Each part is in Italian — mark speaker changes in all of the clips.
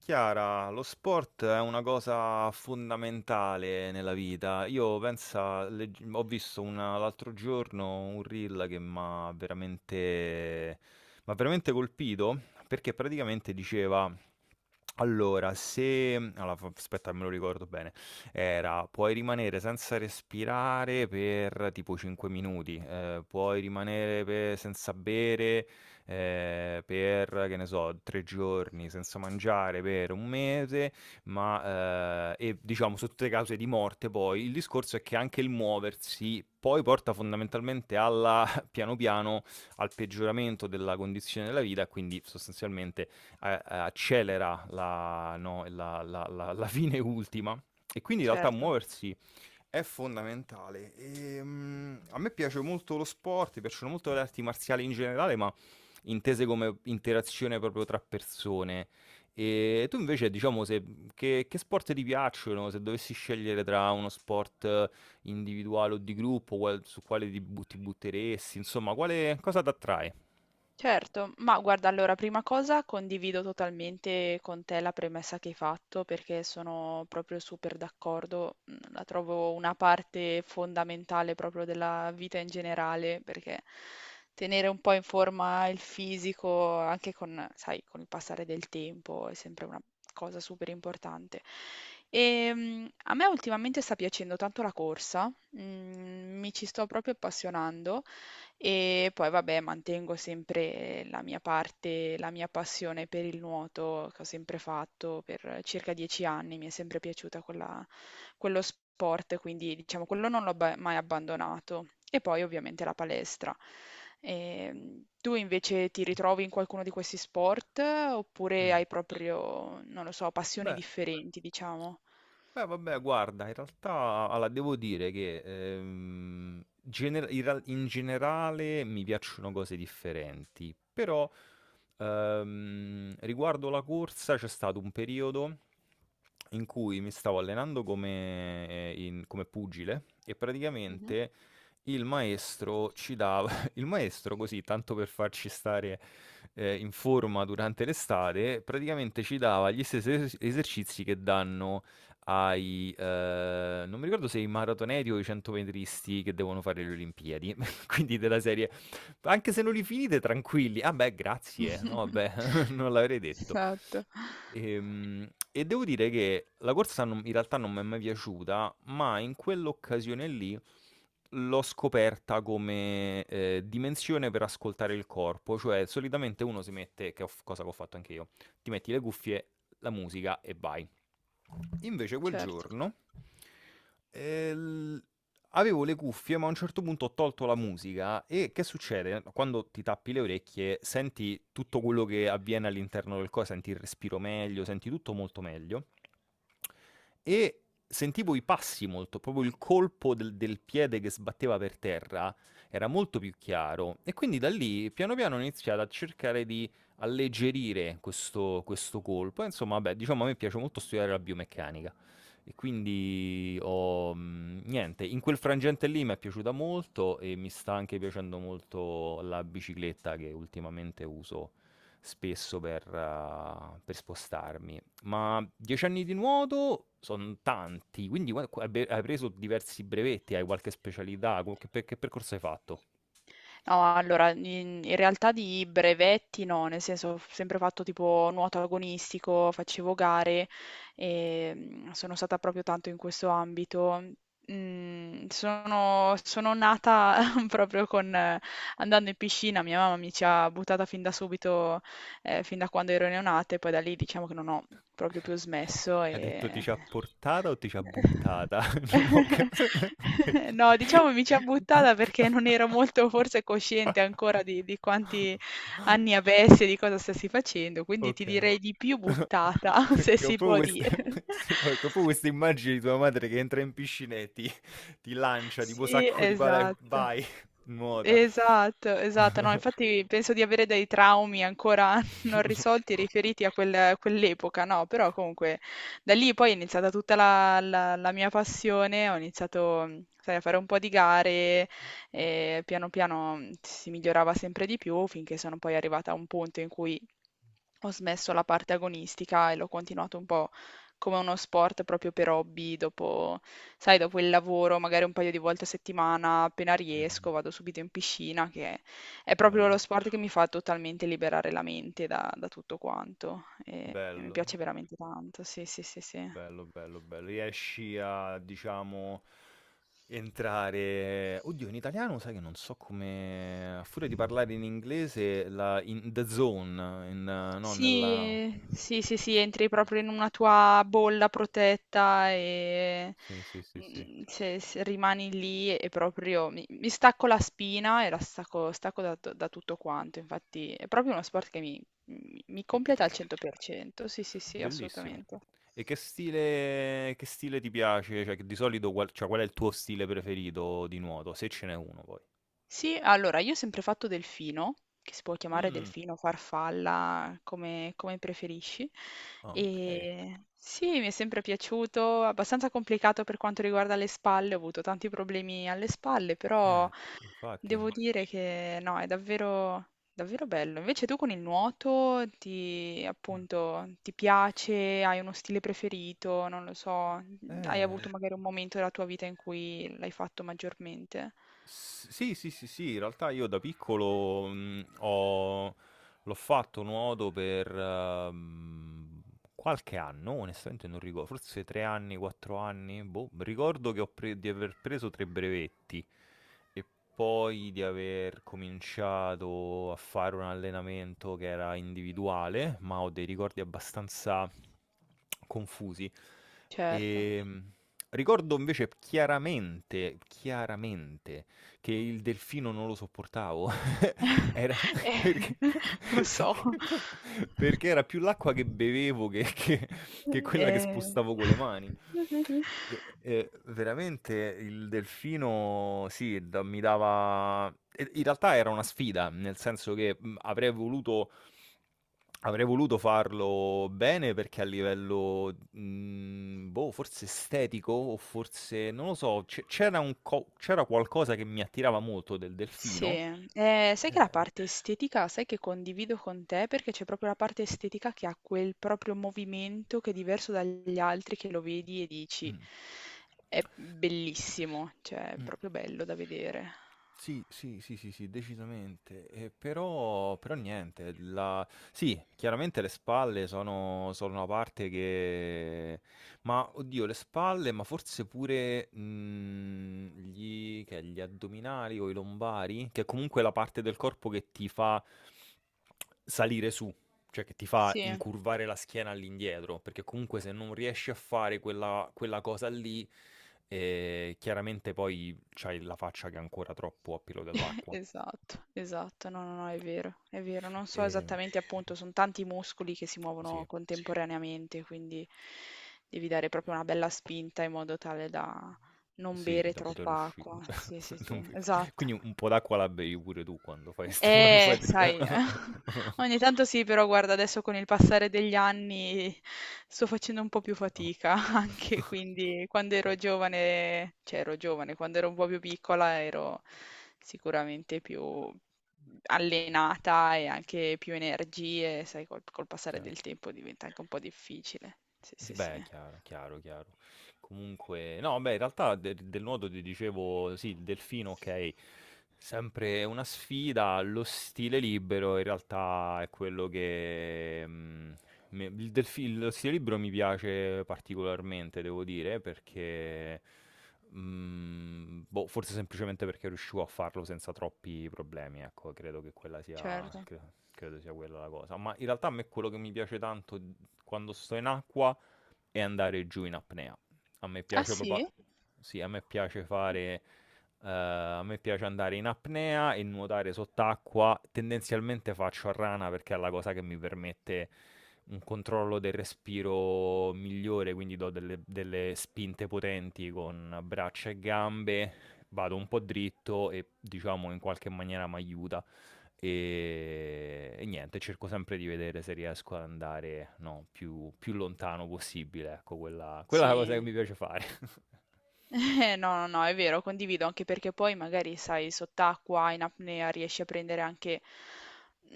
Speaker 1: Chiara, lo sport è una cosa fondamentale nella vita. Io pensa, ho visto l'altro giorno un reel che mi ha m'ha veramente colpito perché praticamente diceva. Allora, se mhmm, allora fa aspetta che me lo ricordo bene, era: puoi rimanere senza respirare per tipo 5 minuti, puoi rimanere pe senza bere, per, che ne so, 3 giorni, senza mangiare per 1 mese, ma, e diciamo sotto le cause di morte poi, il discorso è che anche il muoversi poi porta fondamentalmente alla piano piano, al peggioramento della condizione della vita e quindi sostanzialmente a accelera la no, la la la la fine ultima, e quindi in realtà
Speaker 2: Certo,
Speaker 1: muoversi è fondamentale. A me piace molto lo sport, mi piacciono molto le arti marziali in generale, ma intese come interazione proprio tra persone. E tu invece, diciamo, se che sport ti piacciono? Se dovessi scegliere tra uno sport individuale o di gruppo, quale ti butteresti, insomma, quale cosa t'attrae?
Speaker 2: certo. Ma guarda, allora, prima cosa condivido totalmente con te la premessa che hai fatto perché sono proprio super d'accordo. Mm, la trovo una parte fondamentale proprio della vita in generale, perché tenere un po' in forma il fisico, anche con, sai, con il passare del tempo, è sempre una cosa super importante. E, a me ultimamente sta piacendo tanto la corsa, mi ci sto proprio appassionando. E poi vabbè, mantengo sempre la mia parte, la mia passione per il nuoto che ho sempre fatto per circa 10 anni, mi è sempre piaciuta quello sport, quindi diciamo quello non mai abbandonato. E poi ovviamente la palestra. Tu invece ti ritrovi in qualcuno di questi sport oppure
Speaker 1: Mh.
Speaker 2: hai proprio, non lo so, passioni
Speaker 1: Beh
Speaker 2: differenti, diciamo?
Speaker 1: vabbè, guarda, in realtà, allora, devo dire che in generale mi piacciono cose differenti, però riguardo la corsa c'è stato un periodo in cui mi stavo allenando come pugile, e
Speaker 2: Mhm.
Speaker 1: praticamente il maestro ci dava, il maestro così, tanto per farci stare in forma durante l'estate, praticamente ci dava gli stessi esercizi che danno non mi ricordo se i maratoneti o i centometristi che devono fare le Olimpiadi, quindi della serie: "Anche se non li finite tranquilli". "Ah, beh, grazie, no, vabbè, non l'avrei detto".
Speaker 2: Esatto.
Speaker 1: E devo dire che la corsa non in realtà non m'è mai piaciuta, ma in quell'occasione lì l'ho scoperta dimensione per ascoltare il corpo, cioè solitamente uno si mette, che ho f cosa che ho fatto anche io, ti metti le cuffie, la musica e vai. Invece quel
Speaker 2: Certo.
Speaker 1: giorno, l avevo le cuffie, ma a un certo punto ho tolto la musica. E che succede? Quando ti tappi le orecchie senti tutto quello che avviene all'interno del co senti il respiro meglio, senti tutto molto meglio, e sentivo i passi molto, proprio il colpo del piede che sbatteva per terra era molto più chiaro, e quindi da lì piano piano ho iniziato a cercare di alleggerire questo colpo, e insomma vabbè, diciamo a me piace molto studiare la biomeccanica, e quindi niente, in quel frangente lì m'è piaciuta molto, e mi sta anche piacendo molto la bicicletta che ultimamente uso spesso per spostarmi. Ma 10 anni di nuoto sono tanti, quindi hai preso diversi brevetti, hai qualche specialità, che percorso hai fatto?
Speaker 2: No, allora, in realtà di brevetti no, nel senso ho sempre fatto tipo nuoto agonistico, facevo gare e sono stata proprio tanto in questo ambito. Mm, sono nata proprio con, andando in piscina, mia mamma mi ci ha buttata fin da subito, fin da quando ero neonata e poi da lì diciamo che non ho proprio più smesso
Speaker 1: Ha detto ti
Speaker 2: e
Speaker 1: ci ha portata o ti ci ha buttata? Non ho capito.
Speaker 2: no, diciamo mi ci ha buttata perché non ero molto forse cosciente ancora di quanti anni avessi e di cosa stessi facendo, quindi ti
Speaker 1: Ok.
Speaker 2: direi di più buttata, se
Speaker 1: Che ho
Speaker 2: si
Speaker 1: proprio
Speaker 2: può
Speaker 1: queste,
Speaker 2: dire.
Speaker 1: sì, no, che ho proprio queste immagini di tua madre che entra in piscina e ti lancia tipo
Speaker 2: Sì,
Speaker 1: sacco di palle e
Speaker 2: esatto.
Speaker 1: vai, nuota.
Speaker 2: Esatto, esatto. No, infatti penso di avere dei traumi ancora non risolti riferiti a quell'epoca, no? Però comunque da lì poi è iniziata tutta la mia passione, ho iniziato, sai, a fare un po' di gare e piano piano si migliorava sempre di più finché sono poi arrivata a un punto in cui ho smesso la parte agonistica e l'ho continuato un po' come uno sport proprio per hobby, dopo sai dopo il lavoro magari un paio di volte a settimana, appena
Speaker 1: Mh-mh.
Speaker 2: riesco, vado subito in piscina, che è proprio lo
Speaker 1: Bello,
Speaker 2: sport che mi fa totalmente liberare la mente da tutto quanto e mi
Speaker 1: bello,
Speaker 2: piace veramente tanto. Sì, sì, sì, sì.
Speaker 1: bello, bello, bello. Riesci a, diciamo, entrare, oddio in italiano sai che non so come, a furia di parlare in inglese, la in the zone, in no, nella...
Speaker 2: Sì, sì, sì, sì, entri proprio in una tua bolla protetta e
Speaker 1: Sì, sì, sì, sì,
Speaker 2: se rimani lì e proprio mi stacco la spina e la stacco, stacco da tutto quanto. Infatti è proprio uno sport che mi
Speaker 1: che ti
Speaker 2: completa al
Speaker 1: pia
Speaker 2: 100%. Sì, sì, sì,
Speaker 1: bellissimo.
Speaker 2: assolutamente.
Speaker 1: E che stile, ti piace? Cioè, che di solito qual è il tuo stile preferito di nuoto? Se ce n'è uno poi.
Speaker 2: Sì, allora io ho sempre fatto delfino, che si può chiamare
Speaker 1: Mm,
Speaker 2: delfino, farfalla, come, come preferisci.
Speaker 1: Ah, ok.
Speaker 2: E sì, mi è sempre piaciuto, abbastanza complicato per quanto riguarda le spalle, ho avuto tanti problemi alle spalle, però
Speaker 1: Eh, infatti.
Speaker 2: devo dire che no, è davvero, davvero bello. Invece tu con il nuoto ti,
Speaker 1: Mm.
Speaker 2: appunto, ti piace, hai uno stile preferito, non lo so, hai
Speaker 1: Eh,
Speaker 2: avuto magari un momento della tua vita in cui l'hai fatto maggiormente?
Speaker 1: sì, sì, sì, sì, in realtà io da piccolo, l'ho fatto nuoto per ehm, qualche anno, onestamente non ricordo, forse 3 anni, 4 anni, boh, ricordo che di aver preso tre brevetti, e poi di aver cominciato a fare un allenamento che era individuale, ma ho dei ricordi abbastanza confusi.
Speaker 2: Certo.
Speaker 1: E, ricordo invece chiaramente, chiaramente, che il delfino non lo sopportavo. Era
Speaker 2: Eh,
Speaker 1: perché
Speaker 2: lo so.
Speaker 1: perché era più l'acqua che bevevo che quella che
Speaker 2: Eh,
Speaker 1: spostavo con le mani. E veramente il delfino sì, da mi dava, e in realtà era una sfida, nel senso che, avrei voluto, farlo bene, perché a livello, boh, forse estetico o forse non lo so, c'era un co c'era qualcosa che mi attirava molto del
Speaker 2: Sì,
Speaker 1: delfino.
Speaker 2: eh, sai che la
Speaker 1: Eh.
Speaker 2: parte estetica, sai che condivido con te perché c'è proprio la parte estetica che ha quel proprio movimento che è diverso dagli altri, che lo vedi e dici
Speaker 1: Mh.
Speaker 2: è bellissimo, cioè è
Speaker 1: Mh.
Speaker 2: proprio bello da vedere.
Speaker 1: Sì, sì, sì, sì, sì, decisamente. E però niente, la, sì, chiaramente le spalle sono una parte che, ma oddio, le spalle, ma forse pure, gli addominali o i lombari, che è comunque la parte del corpo che ti fa salire su, cioè che ti fa
Speaker 2: Sì.
Speaker 1: incurvare la schiena all'indietro, perché comunque se non riesci a fare quella cosa lì, chiaramente poi c'hai la faccia che è ancora troppo a pelo dell'acqua.
Speaker 2: Esatto, esatto. No, no, no, è vero, è vero. Non so
Speaker 1: Ehm,
Speaker 2: esattamente, appunto, sono tanti muscoli che si
Speaker 1: sì,
Speaker 2: muovono sì,
Speaker 1: eh,
Speaker 2: contemporaneamente, quindi devi dare proprio una bella spinta in modo tale da non
Speaker 1: sì,
Speaker 2: bere
Speaker 1: da poter
Speaker 2: troppa acqua.
Speaker 1: uscire.
Speaker 2: Sì, sì,
Speaker 1: Non
Speaker 2: sì,
Speaker 1: ve-
Speaker 2: esatto.
Speaker 1: Quindi un po' d'acqua la bevi pure tu quando fai, st- quando fai... del-
Speaker 2: Sai, ogni tanto sì, però guarda, adesso con il passare degli anni sto facendo un po' più
Speaker 1: No.
Speaker 2: fatica anche, quindi quando ero giovane, cioè ero giovane, quando ero un po' più piccola ero sicuramente più
Speaker 1: Ok,
Speaker 2: allenata e anche più energie, sai, col passare
Speaker 1: chiaro.
Speaker 2: del tempo diventa anche un po' difficile. Sì,
Speaker 1: Sì,
Speaker 2: sì, sì.
Speaker 1: beh, chiaro, chiaro, chiaro. Comunque, no, beh, in realtà del nuoto ti dicevo, sì, il delfino, ok, sempre una sfida, lo stile libero in realtà è quello che... lo stile libero mi piace particolarmente, devo dire, perché... boh, forse semplicemente perché riuscivo a farlo senza troppi problemi, ecco, credo che quella sia...
Speaker 2: Certo.
Speaker 1: credo sia quella la cosa. Ma in realtà a me quello che mi piace tanto quando sto in acqua e andare giù in apnea. A me
Speaker 2: Ah
Speaker 1: piace
Speaker 2: sì?
Speaker 1: proprio... Sì, a me piace fare... a me piace andare in apnea e nuotare sott'acqua. Tendenzialmente faccio a rana perché è la cosa che mi permette un controllo del respiro migliore, quindi do delle spinte potenti con braccia e gambe, vado un po' dritto, e diciamo in qualche maniera mi aiuta, e, niente, cerco sempre di vedere se riesco ad andare, no, più lontano possibile, ecco, quella è la cosa che mi
Speaker 2: Sì.
Speaker 1: piace fare.
Speaker 2: No, no, no, è vero, condivido, anche perché poi magari, sai, sott'acqua, in apnea, riesci a prendere anche,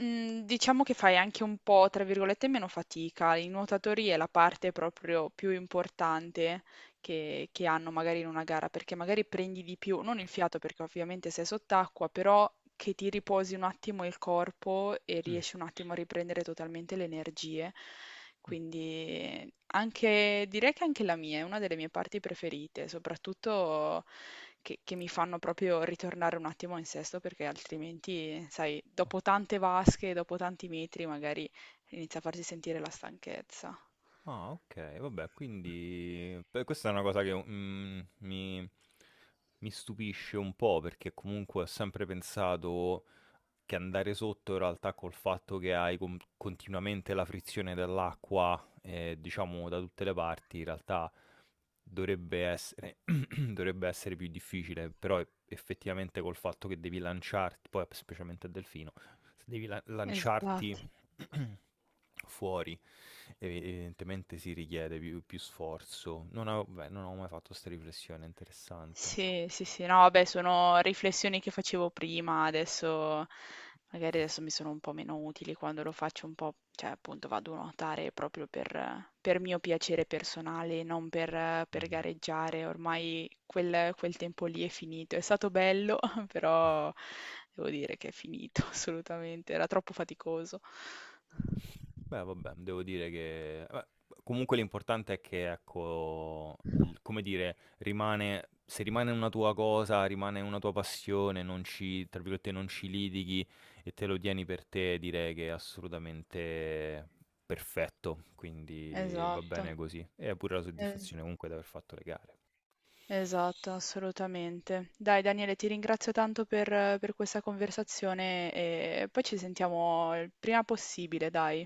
Speaker 2: mm, diciamo che fai anche un po', tra virgolette, meno fatica. I nuotatori è la parte proprio più importante, che hanno magari in una gara, perché magari prendi di più, non il fiato perché ovviamente sei sott'acqua, però che ti riposi un attimo il corpo e
Speaker 1: Mm,
Speaker 2: riesci un attimo a riprendere totalmente le energie.
Speaker 1: mm,
Speaker 2: Quindi anche, direi che anche la mia è una delle mie parti preferite, soprattutto che mi fanno proprio ritornare un attimo in sesto perché altrimenti, sai,
Speaker 1: oh.
Speaker 2: dopo tante vasche, dopo tanti metri, magari inizia a farsi sentire la stanchezza.
Speaker 1: Ah, ok, vabbè, quindi beh, questa è una cosa che mi stupisce un po', perché comunque ho sempre pensato che andare sotto in realtà, col fatto che hai continuamente la frizione dell'acqua, diciamo da tutte le parti, in realtà dovrebbe essere, dovrebbe essere più difficile, però effettivamente col fatto che devi lanciarti, poi specialmente a delfino, se devi
Speaker 2: Esatto.
Speaker 1: lanciarti fuori, evidentemente si richiede più sforzo. Non avevo, beh, non ho mai fatto questa riflessione, interessante.
Speaker 2: Sì, sì, sì, no, vabbè, sono riflessioni che facevo prima, adesso magari adesso mi sono un po' meno utili quando lo faccio un po', cioè appunto vado a nuotare proprio per mio piacere personale, non per
Speaker 1: Mhm.
Speaker 2: gareggiare, ormai quel tempo lì è finito, è stato bello, però devo dire che è finito assolutamente, era troppo faticoso.
Speaker 1: Beh, vabbè, devo dire che, vabbè, comunque l'importante è che, ecco, l come dire, rimane, se rimane una tua cosa, rimane una tua passione, non ci, tra virgolette, "non ci litighi", e te lo tieni per te, direi che è assolutamente perfetto, quindi va
Speaker 2: Esatto.
Speaker 1: bene così. E è pure la
Speaker 2: Eh,
Speaker 1: soddisfazione comunque di aver fatto le gare.
Speaker 2: esatto, assolutamente. Dai Daniele, ti ringrazio tanto per questa conversazione e poi ci sentiamo il prima possibile, dai.